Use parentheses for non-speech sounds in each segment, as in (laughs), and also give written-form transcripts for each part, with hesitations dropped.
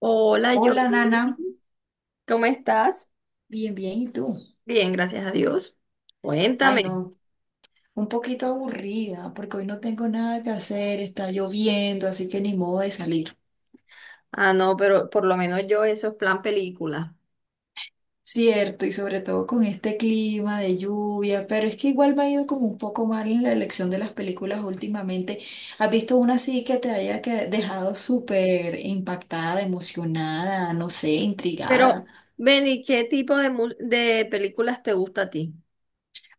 Hola, yo. Hola, Nana. ¿Cómo estás? Bien, bien, ¿y tú? Bien, gracias a Dios. Ay, Cuéntame. no, un poquito aburrida, porque hoy no tengo nada que hacer, está lloviendo, así que ni modo de salir. Ah, no, pero por lo menos yo eso es plan película. Cierto, y sobre todo con este clima de lluvia, pero es que igual me ha ido como un poco mal en la elección de las películas últimamente. ¿Has visto una así que te haya dejado súper impactada, emocionada, no sé, Pero, intrigada? Benny, ¿qué tipo de películas te gusta a ti?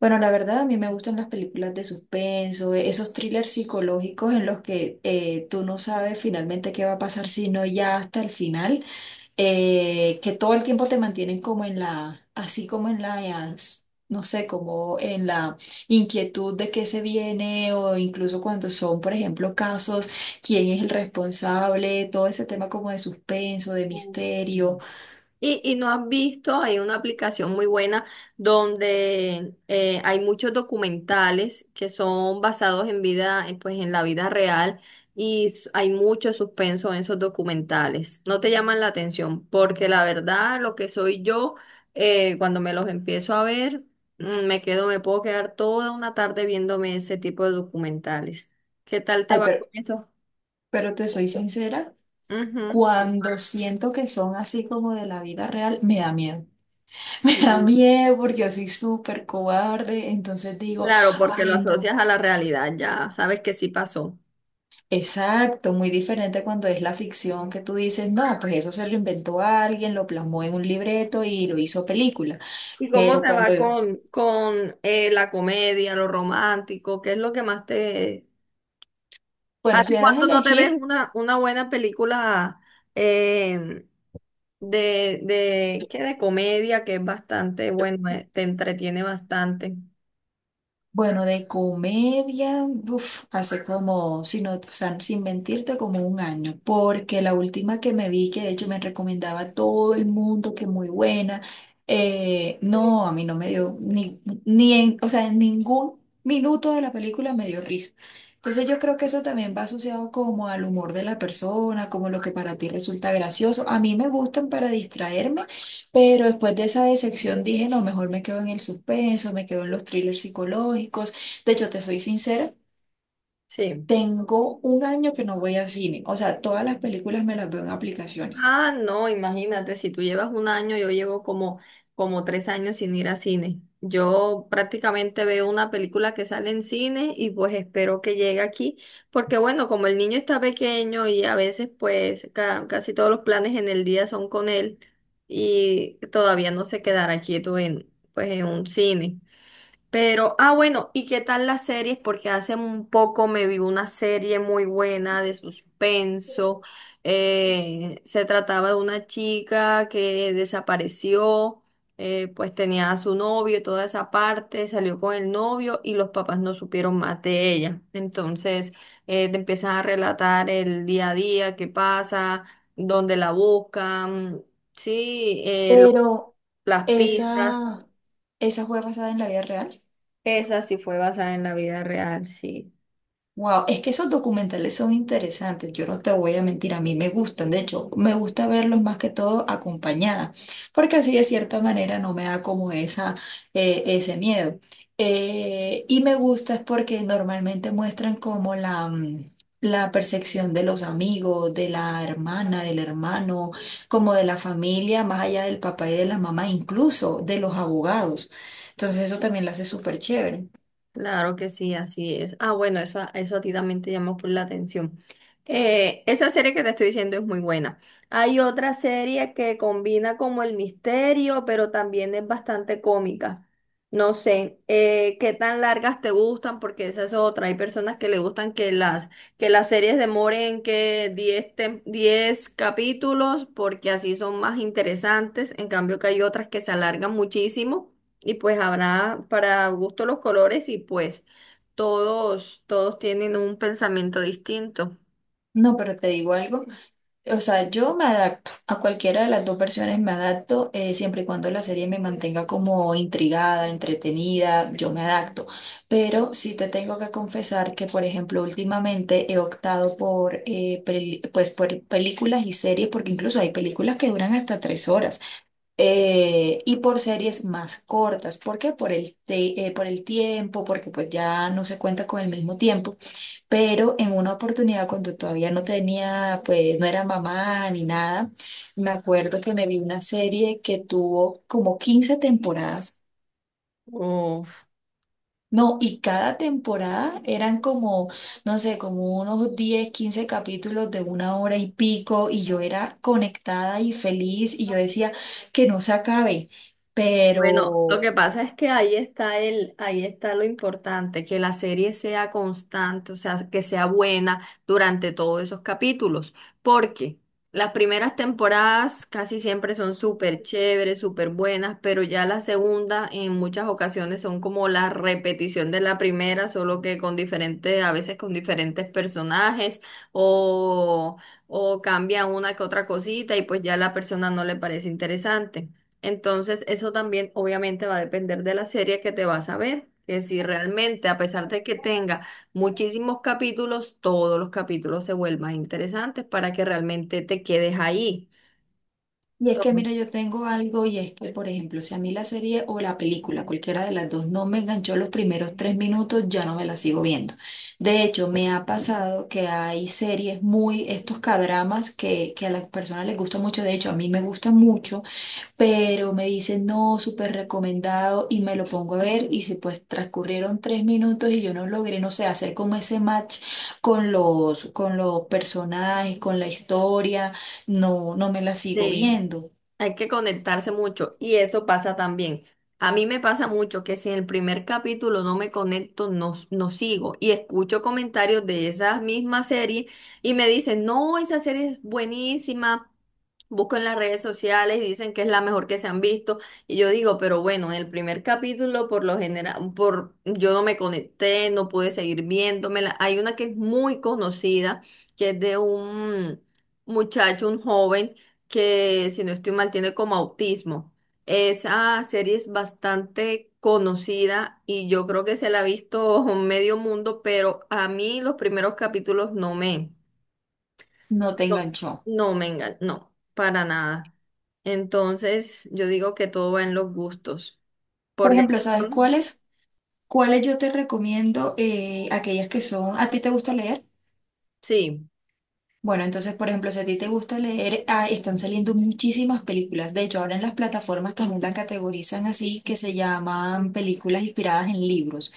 Bueno, la verdad, a mí me gustan las películas de suspenso, esos thrillers psicológicos en los que tú no sabes finalmente qué va a pasar, sino ya hasta el final, que todo el tiempo te mantienen como en la, así como en la, no sé, como en la inquietud de qué se viene o incluso cuando son, por ejemplo, casos, quién es el responsable, todo ese tema como de suspenso, de Mm. misterio. Y no has visto, hay una aplicación muy buena donde hay muchos documentales que son basados en vida, pues en la vida real y hay mucho suspenso en esos documentales. No te llaman la atención porque la verdad lo que soy yo, cuando me los empiezo a ver, me quedo, me puedo quedar toda una tarde viéndome ese tipo de documentales. ¿Qué tal te Ay, va con pero, eso? pero te soy sincera. Ujú. Cuando siento que son así como de la vida real, me da miedo. (laughs) Me da miedo porque yo soy súper cobarde. Entonces digo, Claro, porque lo ay, no. asocias a la realidad, ya sabes que sí pasó. Exacto, muy diferente cuando es la ficción que tú dices, no, pues eso se lo inventó alguien, lo plasmó en un libreto y lo hizo película. ¿Y cómo Pero te cuando, va con la comedia, lo romántico? ¿Qué es lo que más te... bueno, si ¿Hace me das a cuánto no te ves elegir. una buena película eh, de, ¿qué? De comedia que es bastante, bueno, te entretiene bastante? Bueno, de comedia, uf, hace como, si no, o sea, sin mentirte, como un año, porque la última que me vi, que de hecho me recomendaba a todo el mundo, que muy buena, no, a mí no me dio, ni en, o sea, en ningún minuto de la película me dio risa. Entonces yo creo que eso también va asociado como al humor de la persona, como lo que para ti resulta gracioso. A mí me gustan para distraerme. Pero después de esa decepción dije, no, mejor me quedo en el suspenso, me quedo en los thrillers psicológicos. De hecho, te soy sincera, Sí. tengo un año que no voy a cine. O sea, todas las películas me las veo en aplicaciones. Ah, no, imagínate, si tú llevas un año, yo llevo como, como 3 años sin ir a cine. Yo prácticamente veo una película que sale en cine y pues espero que llegue aquí, porque bueno, como el niño está pequeño y a veces pues casi todos los planes en el día son con él y todavía no se quedará quieto en, pues, en un cine. Pero, ah, bueno, ¿y qué tal las series? Porque hace un poco me vi una serie muy buena de suspenso. Se trataba de una chica que desapareció, pues tenía a su novio y toda esa parte, salió con el novio y los papás no supieron más de ella. Entonces, te empiezan a relatar el día a día, qué pasa, dónde la buscan, sí, Pero las pistas. esa, esa fue basada en la vida real. Esa sí fue basada en la vida real, sí. Wow, es que esos documentales son interesantes, yo no te voy a mentir, a mí me gustan, de hecho, me gusta verlos más que todo acompañada, porque así de cierta manera no me da como ese miedo. Y me gusta es porque normalmente muestran como la percepción de los amigos, de la hermana, del hermano, como de la familia, más allá del papá y de la mamá, incluso de los abogados. Entonces eso también lo hace súper chévere. Claro que sí, así es. Ah, bueno, eso a ti también te llamó por la atención. Esa serie que te estoy diciendo es muy buena. Hay otra serie que combina como el misterio, pero también es bastante cómica. No sé, qué tan largas te gustan, porque esa es otra. Hay personas que le gustan que las series demoren que 10 capítulos, porque así son más interesantes. En cambio que hay otras que se alargan muchísimo y pues habrá para gusto los colores y pues todos, todos tienen un pensamiento distinto. No, pero te digo algo. O sea, yo me adapto a cualquiera de las dos versiones, me adapto siempre y cuando la serie me mantenga como intrigada, entretenida, yo me adapto. Pero sí te tengo que confesar que, por ejemplo, últimamente he optado por películas y series, porque incluso hay películas que duran hasta 3 horas. Y por series más cortas, ¿por qué? Por el tiempo, porque pues ya no se cuenta con el mismo tiempo pero en una oportunidad cuando todavía no tenía, pues no era mamá ni nada, me acuerdo que me vi una serie que tuvo como 15 temporadas. Uf. No, y cada temporada eran como, no sé, como unos 10 15 capítulos de una hora y pico, y yo era conectada y feliz, y yo decía que no se acabe, Bueno, lo que pero pasa es que ahí está ahí está lo importante, que la serie sea constante, o sea, que sea buena durante todos esos capítulos, porque las primeras temporadas casi siempre son súper chéveres, súper buenas, pero ya la segunda en muchas ocasiones son como la repetición de la primera, solo que con diferentes, a veces con diferentes personajes o, o cambia una que otra cosita y pues ya a la persona no le parece interesante. Entonces, eso también obviamente va a depender de la serie que te vas a ver. Que si realmente, a pesar de que tenga muchísimos capítulos, todos los capítulos se vuelvan interesantes para que realmente te quedes ahí. Y es que, mira, yo tengo algo y es que, por ejemplo, si a mí la serie o la película, cualquiera de las dos, no me enganchó los primeros 3 minutos, ya no me la sigo viendo. De hecho, me ha pasado que hay series muy, estos cadramas que a las personas les gusta mucho, de hecho, a mí me gusta mucho, pero me dicen, no, súper recomendado y me lo pongo a ver y si pues transcurrieron 3 minutos y yo no logré, no sé, hacer como ese match con los personajes, con la historia, no, no me la sigo Entonces, viendo. hay que conectarse mucho y eso pasa también. A mí me pasa mucho que si en el primer capítulo no me conecto, no, no sigo y escucho comentarios de esas mismas series y me dicen, no, esa serie es buenísima, busco en las redes sociales y dicen que es la mejor que se han visto y yo digo, pero bueno, en el primer capítulo por lo general, por, yo no me conecté, no pude seguir viéndomela. Hay una que es muy conocida, que es de un muchacho, un joven que si no estoy mal tiene como autismo. Esa serie es bastante conocida y yo creo que se la ha visto (laughs) medio mundo, pero a mí los primeros capítulos No te no, enganchó. No, para nada. Entonces yo digo que todo va en los gustos, Por porque hay ejemplo, ¿sabes cuáles? ¿Cuáles yo te recomiendo? Aquellas que son, ¿a ti te gusta leer? sí. Bueno, entonces, por ejemplo, si a ti te gusta leer, ah, están saliendo muchísimas películas. De hecho, ahora en las plataformas también las categorizan así, que se llaman películas inspiradas en libros.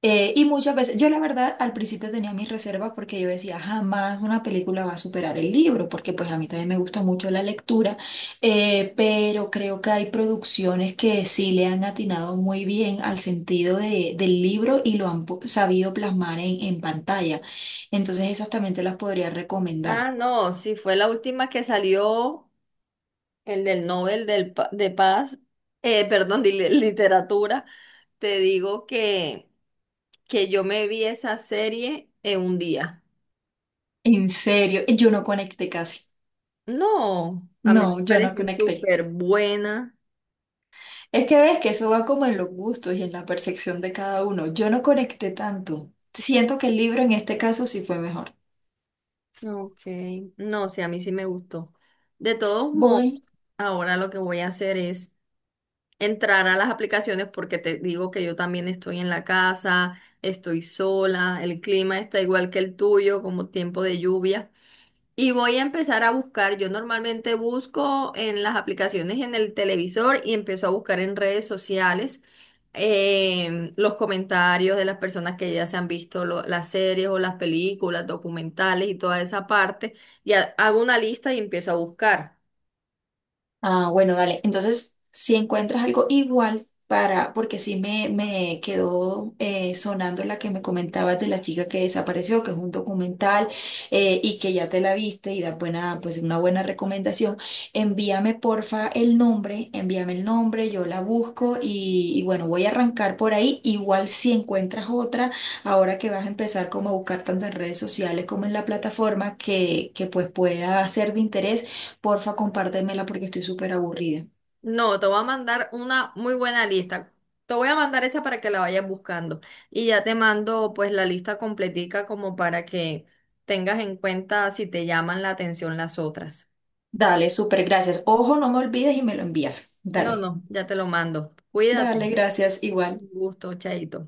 Y muchas veces, yo la verdad al principio tenía mis reservas porque yo decía, jamás una película va a superar el libro, porque pues a mí también me gusta mucho la lectura, pero creo que hay producciones que sí le han atinado muy bien al sentido del libro y lo han sabido plasmar en pantalla. Entonces esas también te las podría Ah, recomendar. no, sí, fue la última que salió, el del Nobel del, de Paz, perdón, de literatura. Te digo que yo me vi esa serie en un día. En serio, yo no conecté casi. No, a No, mí me yo no pareció conecté. súper buena. Es que ves que eso va como en los gustos y en la percepción de cada uno. Yo no conecté tanto. Siento que el libro en este caso sí fue mejor. Ok, no, sí, a mí sí me gustó. De todos modos, Voy ahora lo que voy a hacer es entrar a las aplicaciones porque te digo que yo también estoy en la casa, estoy sola, el clima está igual que el tuyo, como tiempo de lluvia. Y voy a empezar a buscar. Yo normalmente busco en las aplicaciones en el televisor y empiezo a buscar en redes sociales los comentarios de las personas que ya se han visto las series o las películas, documentales y toda esa parte. Y hago una lista y empiezo a buscar. Ah, bueno, dale. Entonces, si encuentras algo igual para, porque sí me quedó sonando la que me comentabas de la chica que desapareció, que es un documental y que ya te la viste y pues una buena recomendación. Envíame porfa el nombre, envíame el nombre, yo la busco y bueno, voy a arrancar por ahí. Igual si encuentras otra, ahora que vas a empezar como a buscar tanto en redes sociales como en la plataforma que pues pueda ser de interés. Porfa, compártemela porque estoy súper aburrida. No, te voy a mandar una muy buena lista. Te voy a mandar esa para que la vayas buscando. Y ya te mando pues la lista completica como para que tengas en cuenta si te llaman la atención las otras. Dale, súper gracias. Ojo, no me olvides y me lo envías. No, Dale, no, ya te lo mando. Cuídate. dale, gracias, igual. Un gusto, chaito.